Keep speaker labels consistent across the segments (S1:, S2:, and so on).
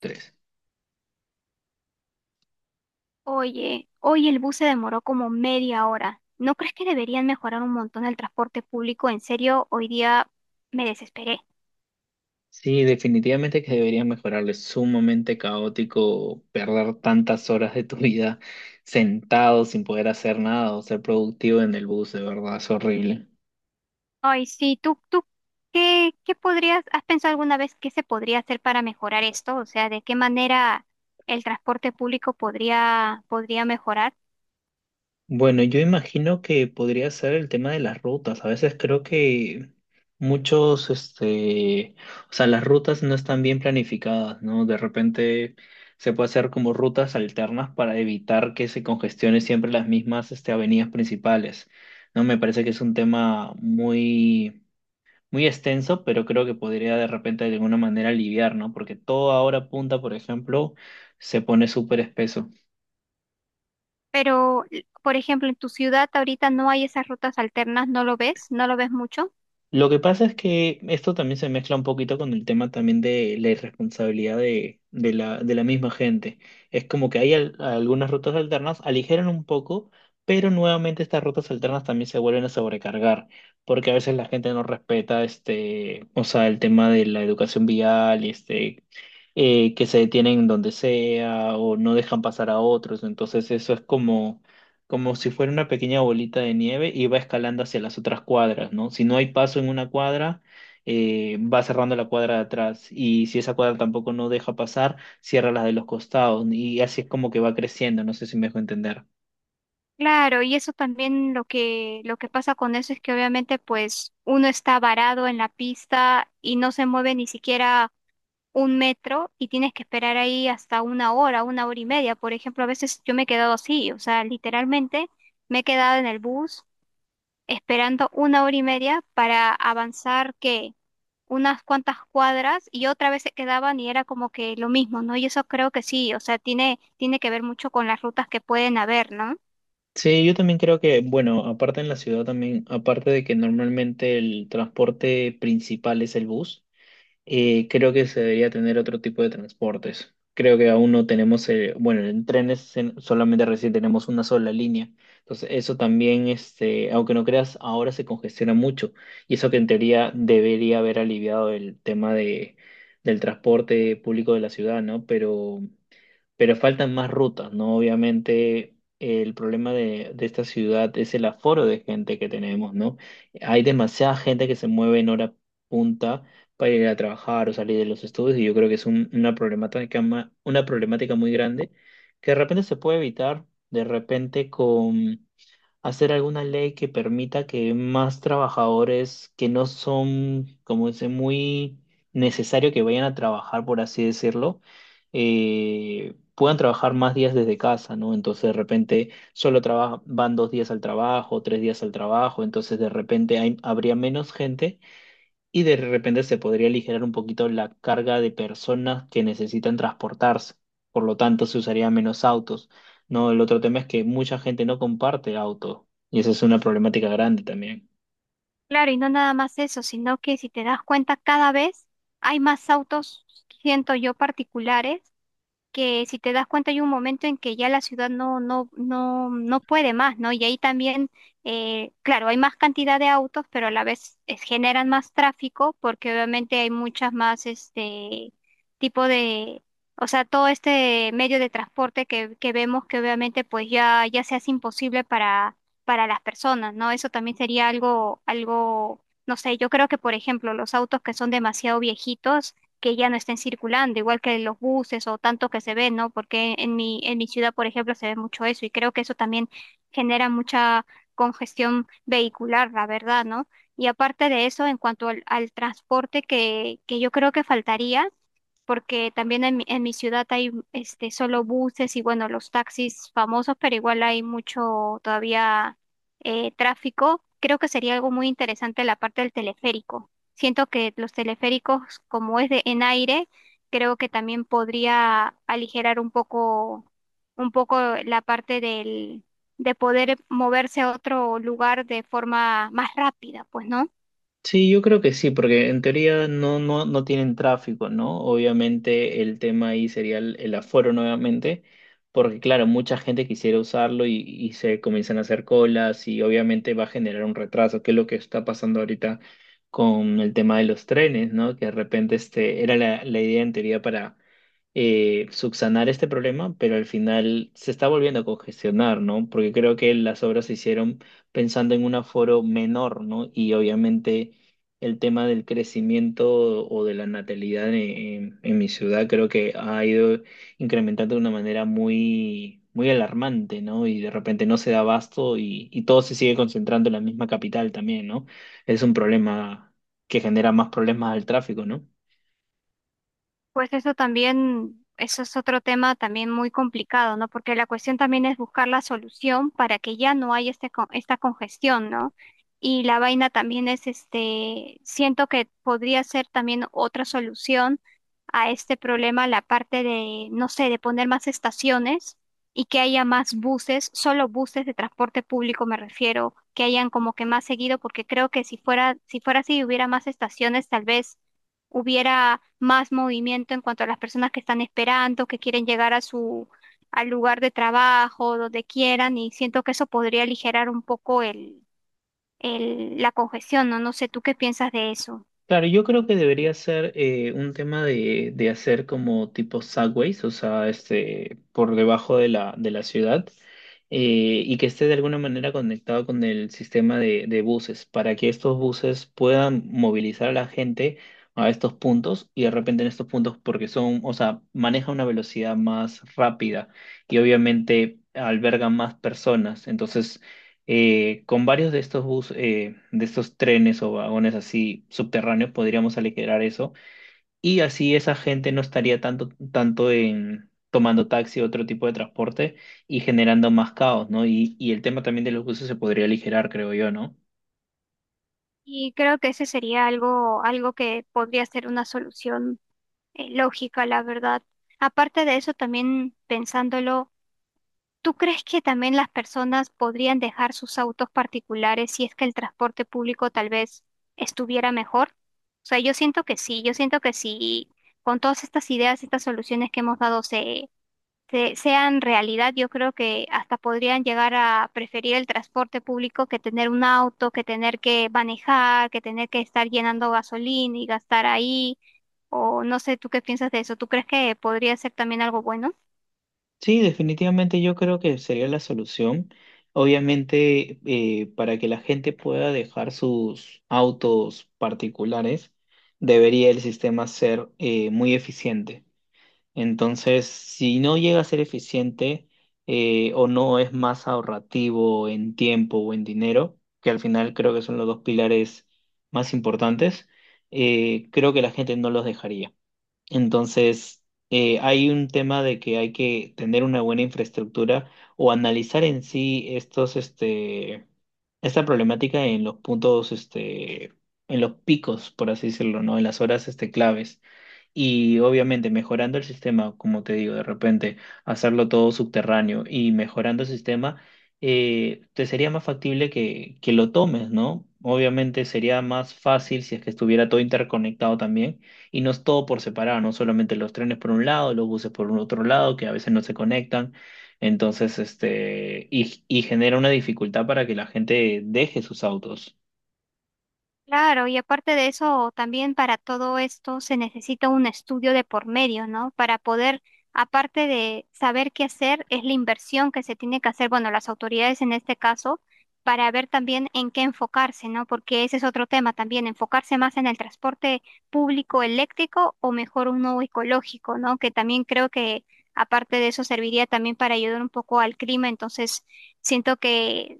S1: Tres.
S2: Oye, hoy el bus se demoró como media hora. ¿No crees que deberían mejorar un montón el transporte público? En serio, hoy día me desesperé.
S1: Sí, definitivamente que deberías mejorarlo. Es sumamente caótico perder tantas horas de tu vida sentado sin poder hacer nada o ser productivo en el bus, de verdad, es horrible.
S2: Ay, sí, tú, has pensado alguna vez qué se podría hacer para mejorar esto? O sea, ¿de qué manera el transporte público podría mejorar?
S1: Bueno, yo imagino que podría ser el tema de las rutas. A veces creo que muchos, o sea, las rutas no están bien planificadas, ¿no? De repente se puede hacer como rutas alternas para evitar que se congestione siempre las mismas, avenidas principales, ¿no? Me parece que es un tema muy extenso, pero creo que podría de repente de alguna manera aliviar, ¿no? Porque todo ahora punta, por ejemplo, se pone súper espeso.
S2: Pero, por ejemplo, en tu ciudad ahorita no hay esas rutas alternas, ¿no lo ves? ¿No lo ves mucho?
S1: Lo que pasa es que esto también se mezcla un poquito con el tema también de la irresponsabilidad de la misma gente. Es como que hay algunas rutas alternas, aligeran un poco, pero nuevamente estas rutas alternas también se vuelven a sobrecargar, porque a veces la gente no respeta o sea, el tema de la educación vial, que se detienen donde sea o no dejan pasar a otros. Entonces eso es como si fuera una pequeña bolita de nieve y va escalando hacia las otras cuadras, ¿no? Si no hay paso en una cuadra, va cerrando la cuadra de atrás y si esa cuadra tampoco no deja pasar, cierra las de los costados y así es como que va creciendo, no sé si me dejo entender.
S2: Claro, y eso también lo que pasa con eso es que obviamente pues uno está varado en la pista y no se mueve ni siquiera un metro y tienes que esperar ahí hasta una hora y media. Por ejemplo, a veces yo me he quedado así, o sea, literalmente me he quedado en el bus esperando una hora y media para avanzar que unas cuantas cuadras y otra vez se quedaban y era como que lo mismo, ¿no? Y eso creo que sí, o sea, tiene que ver mucho con las rutas que pueden haber, ¿no?
S1: Sí, yo también creo que, bueno, aparte en la ciudad también, aparte de que normalmente el transporte principal es el bus. Creo que se debería tener otro tipo de transportes. Creo que aún no tenemos, bueno, en trenes solamente recién tenemos una sola línea. Entonces, eso también, aunque no creas, ahora se congestiona mucho. Y eso que en teoría debería haber aliviado el tema del transporte público de la ciudad, ¿no? Pero faltan más rutas, ¿no? Obviamente el problema de esta ciudad es el aforo de gente que tenemos, ¿no? Hay demasiada gente que se mueve en hora punta para ir a trabajar o salir de los estudios y yo creo que es una una problemática muy grande que de repente se puede evitar, de repente con hacer alguna ley que permita que más trabajadores que no son, como dice, muy necesario que vayan a trabajar, por así decirlo, puedan trabajar más días desde casa, ¿no? Entonces de repente solo van dos días al trabajo, tres días al trabajo, entonces de repente habría menos gente y de repente se podría aligerar un poquito la carga de personas que necesitan transportarse. Por lo tanto, se usaría menos autos, ¿no? El otro tema es que mucha gente no comparte auto y esa es una problemática grande también.
S2: Claro, y no nada más eso, sino que si te das cuenta, cada vez hay más autos, siento yo, particulares que si te das cuenta hay un momento en que ya la ciudad no puede más, ¿no? Y ahí también, claro, hay más cantidad de autos, pero a la vez generan más tráfico porque obviamente hay muchas más, tipo de, o sea, todo este medio de transporte que vemos que obviamente pues ya se hace imposible para las personas, ¿no? Eso también sería algo, algo, no sé, yo creo que por ejemplo los autos que son demasiado viejitos, que ya no estén circulando, igual que los buses o tanto que se ven, ¿no? Porque en mi ciudad, por ejemplo, se ve mucho eso y creo que eso también genera mucha congestión vehicular, la verdad, ¿no? Y aparte de eso, en cuanto al transporte que yo creo que faltaría, porque también en mi ciudad hay este, solo buses y bueno, los taxis famosos, pero igual hay mucho todavía tráfico. Creo que sería algo muy interesante la parte del teleférico. Siento que los teleféricos, como es de en aire, creo que también podría aligerar un poco la parte del, de poder moverse a otro lugar de forma más rápida, pues, ¿no?
S1: Sí, yo creo que sí, porque en teoría no tienen tráfico, ¿no? Obviamente el tema ahí sería el aforo nuevamente, porque claro, mucha gente quisiera usarlo y se comienzan a hacer colas y obviamente va a generar un retraso, que es lo que está pasando ahorita con el tema de los trenes, ¿no? Que de repente era la idea en teoría para subsanar este problema, pero al final se está volviendo a congestionar, ¿no? Porque creo que las obras se hicieron pensando en un aforo menor, ¿no? Y obviamente el tema del crecimiento o de la natalidad en mi ciudad creo que ha ido incrementando de una manera muy alarmante, ¿no? Y de repente no se da abasto y todo se sigue concentrando en la misma capital también, ¿no? Es un problema que genera más problemas al tráfico, ¿no?
S2: Pues eso también, eso es otro tema también muy complicado, ¿no? Porque la cuestión también es buscar la solución para que ya no haya este, esta congestión, ¿no? Y la vaina también es, este, siento que podría ser también otra solución a este problema, la parte de, no sé, de poner más estaciones y que haya más buses, solo buses de transporte público me refiero, que hayan como que más seguido, porque creo que si fuera así, hubiera más estaciones, tal vez hubiera más movimiento en cuanto a las personas que están esperando, que quieren llegar a su al lugar de trabajo, donde quieran, y siento que eso podría aligerar un poco la congestión, ¿no? No sé, ¿tú qué piensas de eso?
S1: Claro, yo creo que debería ser un tema de hacer como tipo subways, o sea, por debajo de de la ciudad, y que esté de alguna manera conectado con el sistema de buses, para que estos buses puedan movilizar a la gente a estos puntos, y de repente en estos puntos, porque son, o sea, maneja una velocidad más rápida y obviamente alberga más personas, entonces con varios de estos de estos trenes o vagones así subterráneos podríamos aligerar eso y así esa gente no estaría tanto en tomando taxi o otro tipo de transporte y generando más caos, ¿no? Y el tema también de los buses se podría aligerar, creo yo, ¿no?
S2: Y creo que ese sería algo, algo que podría ser una solución lógica, la verdad. Aparte de eso, también pensándolo, ¿tú crees que también las personas podrían dejar sus autos particulares si es que el transporte público tal vez estuviera mejor? O sea, yo siento que sí, yo siento que sí, con todas estas ideas, estas soluciones que hemos dado sean realidad, yo creo que hasta podrían llegar a preferir el transporte público que tener un auto, que tener que manejar, que tener que estar llenando gasolina y gastar ahí, o no sé, ¿tú qué piensas de eso? ¿Tú crees que podría ser también algo bueno?
S1: Sí, definitivamente yo creo que sería la solución. Obviamente, para que la gente pueda dejar sus autos particulares, debería el sistema ser muy eficiente. Entonces, si no llega a ser eficiente o no es más ahorrativo en tiempo o en dinero, que al final creo que son los dos pilares más importantes, creo que la gente no los dejaría. Entonces, hay un tema de que hay que tener una buena infraestructura o analizar en sí esta problemática en los puntos, en los picos, por así decirlo, ¿no? En las horas, claves. Y obviamente mejorando el sistema, como te digo, de repente hacerlo todo subterráneo y mejorando el sistema, te sería más factible que lo tomes, ¿no? Obviamente sería más fácil si es que estuviera todo interconectado también y no es todo por separado, no solamente los trenes por un lado, los buses por un otro lado, que a veces no se conectan. Entonces, y genera una dificultad para que la gente deje sus autos.
S2: Claro, y aparte de eso, también para todo esto se necesita un estudio de por medio, ¿no? Para poder, aparte de saber qué hacer, es la inversión que se tiene que hacer, bueno, las autoridades en este caso, para ver también en qué enfocarse, ¿no? Porque ese es otro tema también, enfocarse más en el transporte público eléctrico o mejor uno ecológico, ¿no? Que también creo que aparte de eso serviría también para ayudar un poco al clima, entonces siento que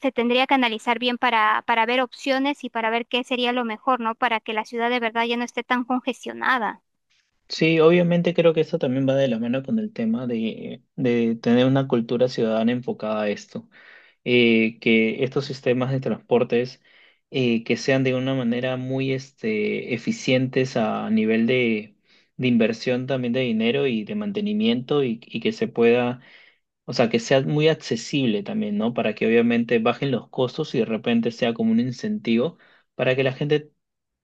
S2: se tendría que analizar bien para ver opciones y para ver qué sería lo mejor, ¿no? Para que la ciudad de verdad ya no esté tan congestionada.
S1: Sí, obviamente creo que eso también va de la mano con el tema de tener una cultura ciudadana enfocada a esto. Que estos sistemas de transportes que sean de una manera muy eficientes a nivel de inversión también de dinero y de mantenimiento y que se pueda, o sea, que sea muy accesible también, ¿no? Para que obviamente bajen los costos y de repente sea como un incentivo para que la gente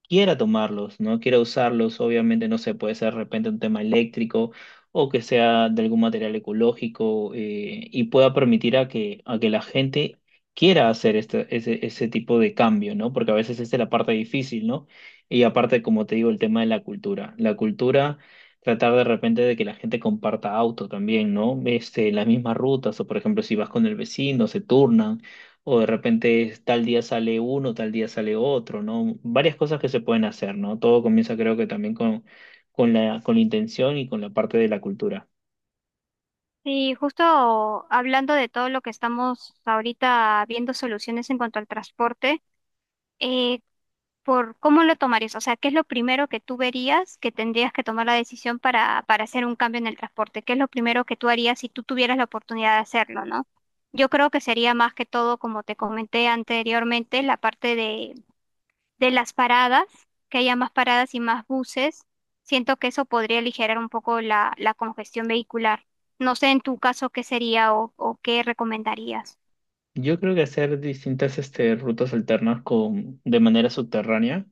S1: quiera tomarlos, ¿no? Quiera usarlos, obviamente, no sé, puede ser de repente un tema eléctrico o que sea de algún material ecológico y pueda permitir a que la gente quiera hacer ese tipo de cambio, ¿no? Porque a veces esa es la parte difícil, ¿no? Y aparte, como te digo, el tema de la cultura. La cultura, tratar de repente de que la gente comparta auto también, ¿no? Las mismas rutas, o por ejemplo, si vas con el vecino, se turnan o de repente es tal día sale uno, tal día sale otro, ¿no? Varias cosas que se pueden hacer, ¿no? Todo comienza creo que también con con la intención y con la parte de la cultura.
S2: Y justo hablando de todo lo que estamos ahorita viendo soluciones en cuanto al transporte, eh, por cómo lo tomarías, o sea, ¿qué es lo primero que tú verías que tendrías que tomar la decisión para hacer un cambio en el transporte? ¿Qué es lo primero que tú harías si tú tuvieras la oportunidad de hacerlo, ¿no? Yo creo que sería más que todo, como te comenté anteriormente, la parte de las paradas, que haya más paradas y más buses. Siento que eso podría aligerar un poco la congestión vehicular. No sé en tu caso qué sería o qué recomendarías.
S1: Yo creo que hacer distintas rutas alternas con, de manera subterránea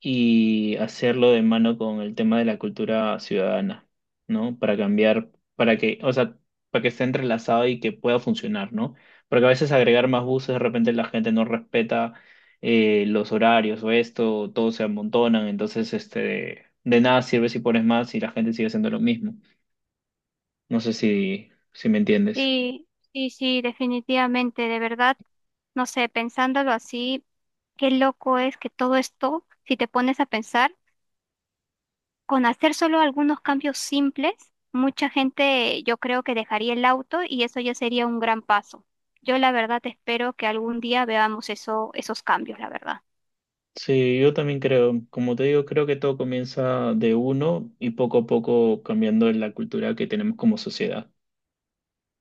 S1: y hacerlo de mano con el tema de la cultura ciudadana, ¿no? Para cambiar, para que, o sea, para que esté entrelazado y que pueda funcionar, ¿no? Porque a veces agregar más buses, de repente la gente no respeta los horarios o esto, todos se amontonan, entonces de nada sirve si pones más y la gente sigue haciendo lo mismo. No sé si me entiendes.
S2: Sí, sí, sí, definitivamente, de verdad. No sé, pensándolo así, qué loco es que todo esto, si te pones a pensar, con hacer solo algunos cambios simples, mucha gente yo creo que dejaría el auto y eso ya sería un gran paso. Yo la verdad espero que algún día veamos eso, esos cambios, la verdad.
S1: Sí, yo también creo, como te digo, creo que todo comienza de uno y poco a poco cambiando la cultura que tenemos como sociedad.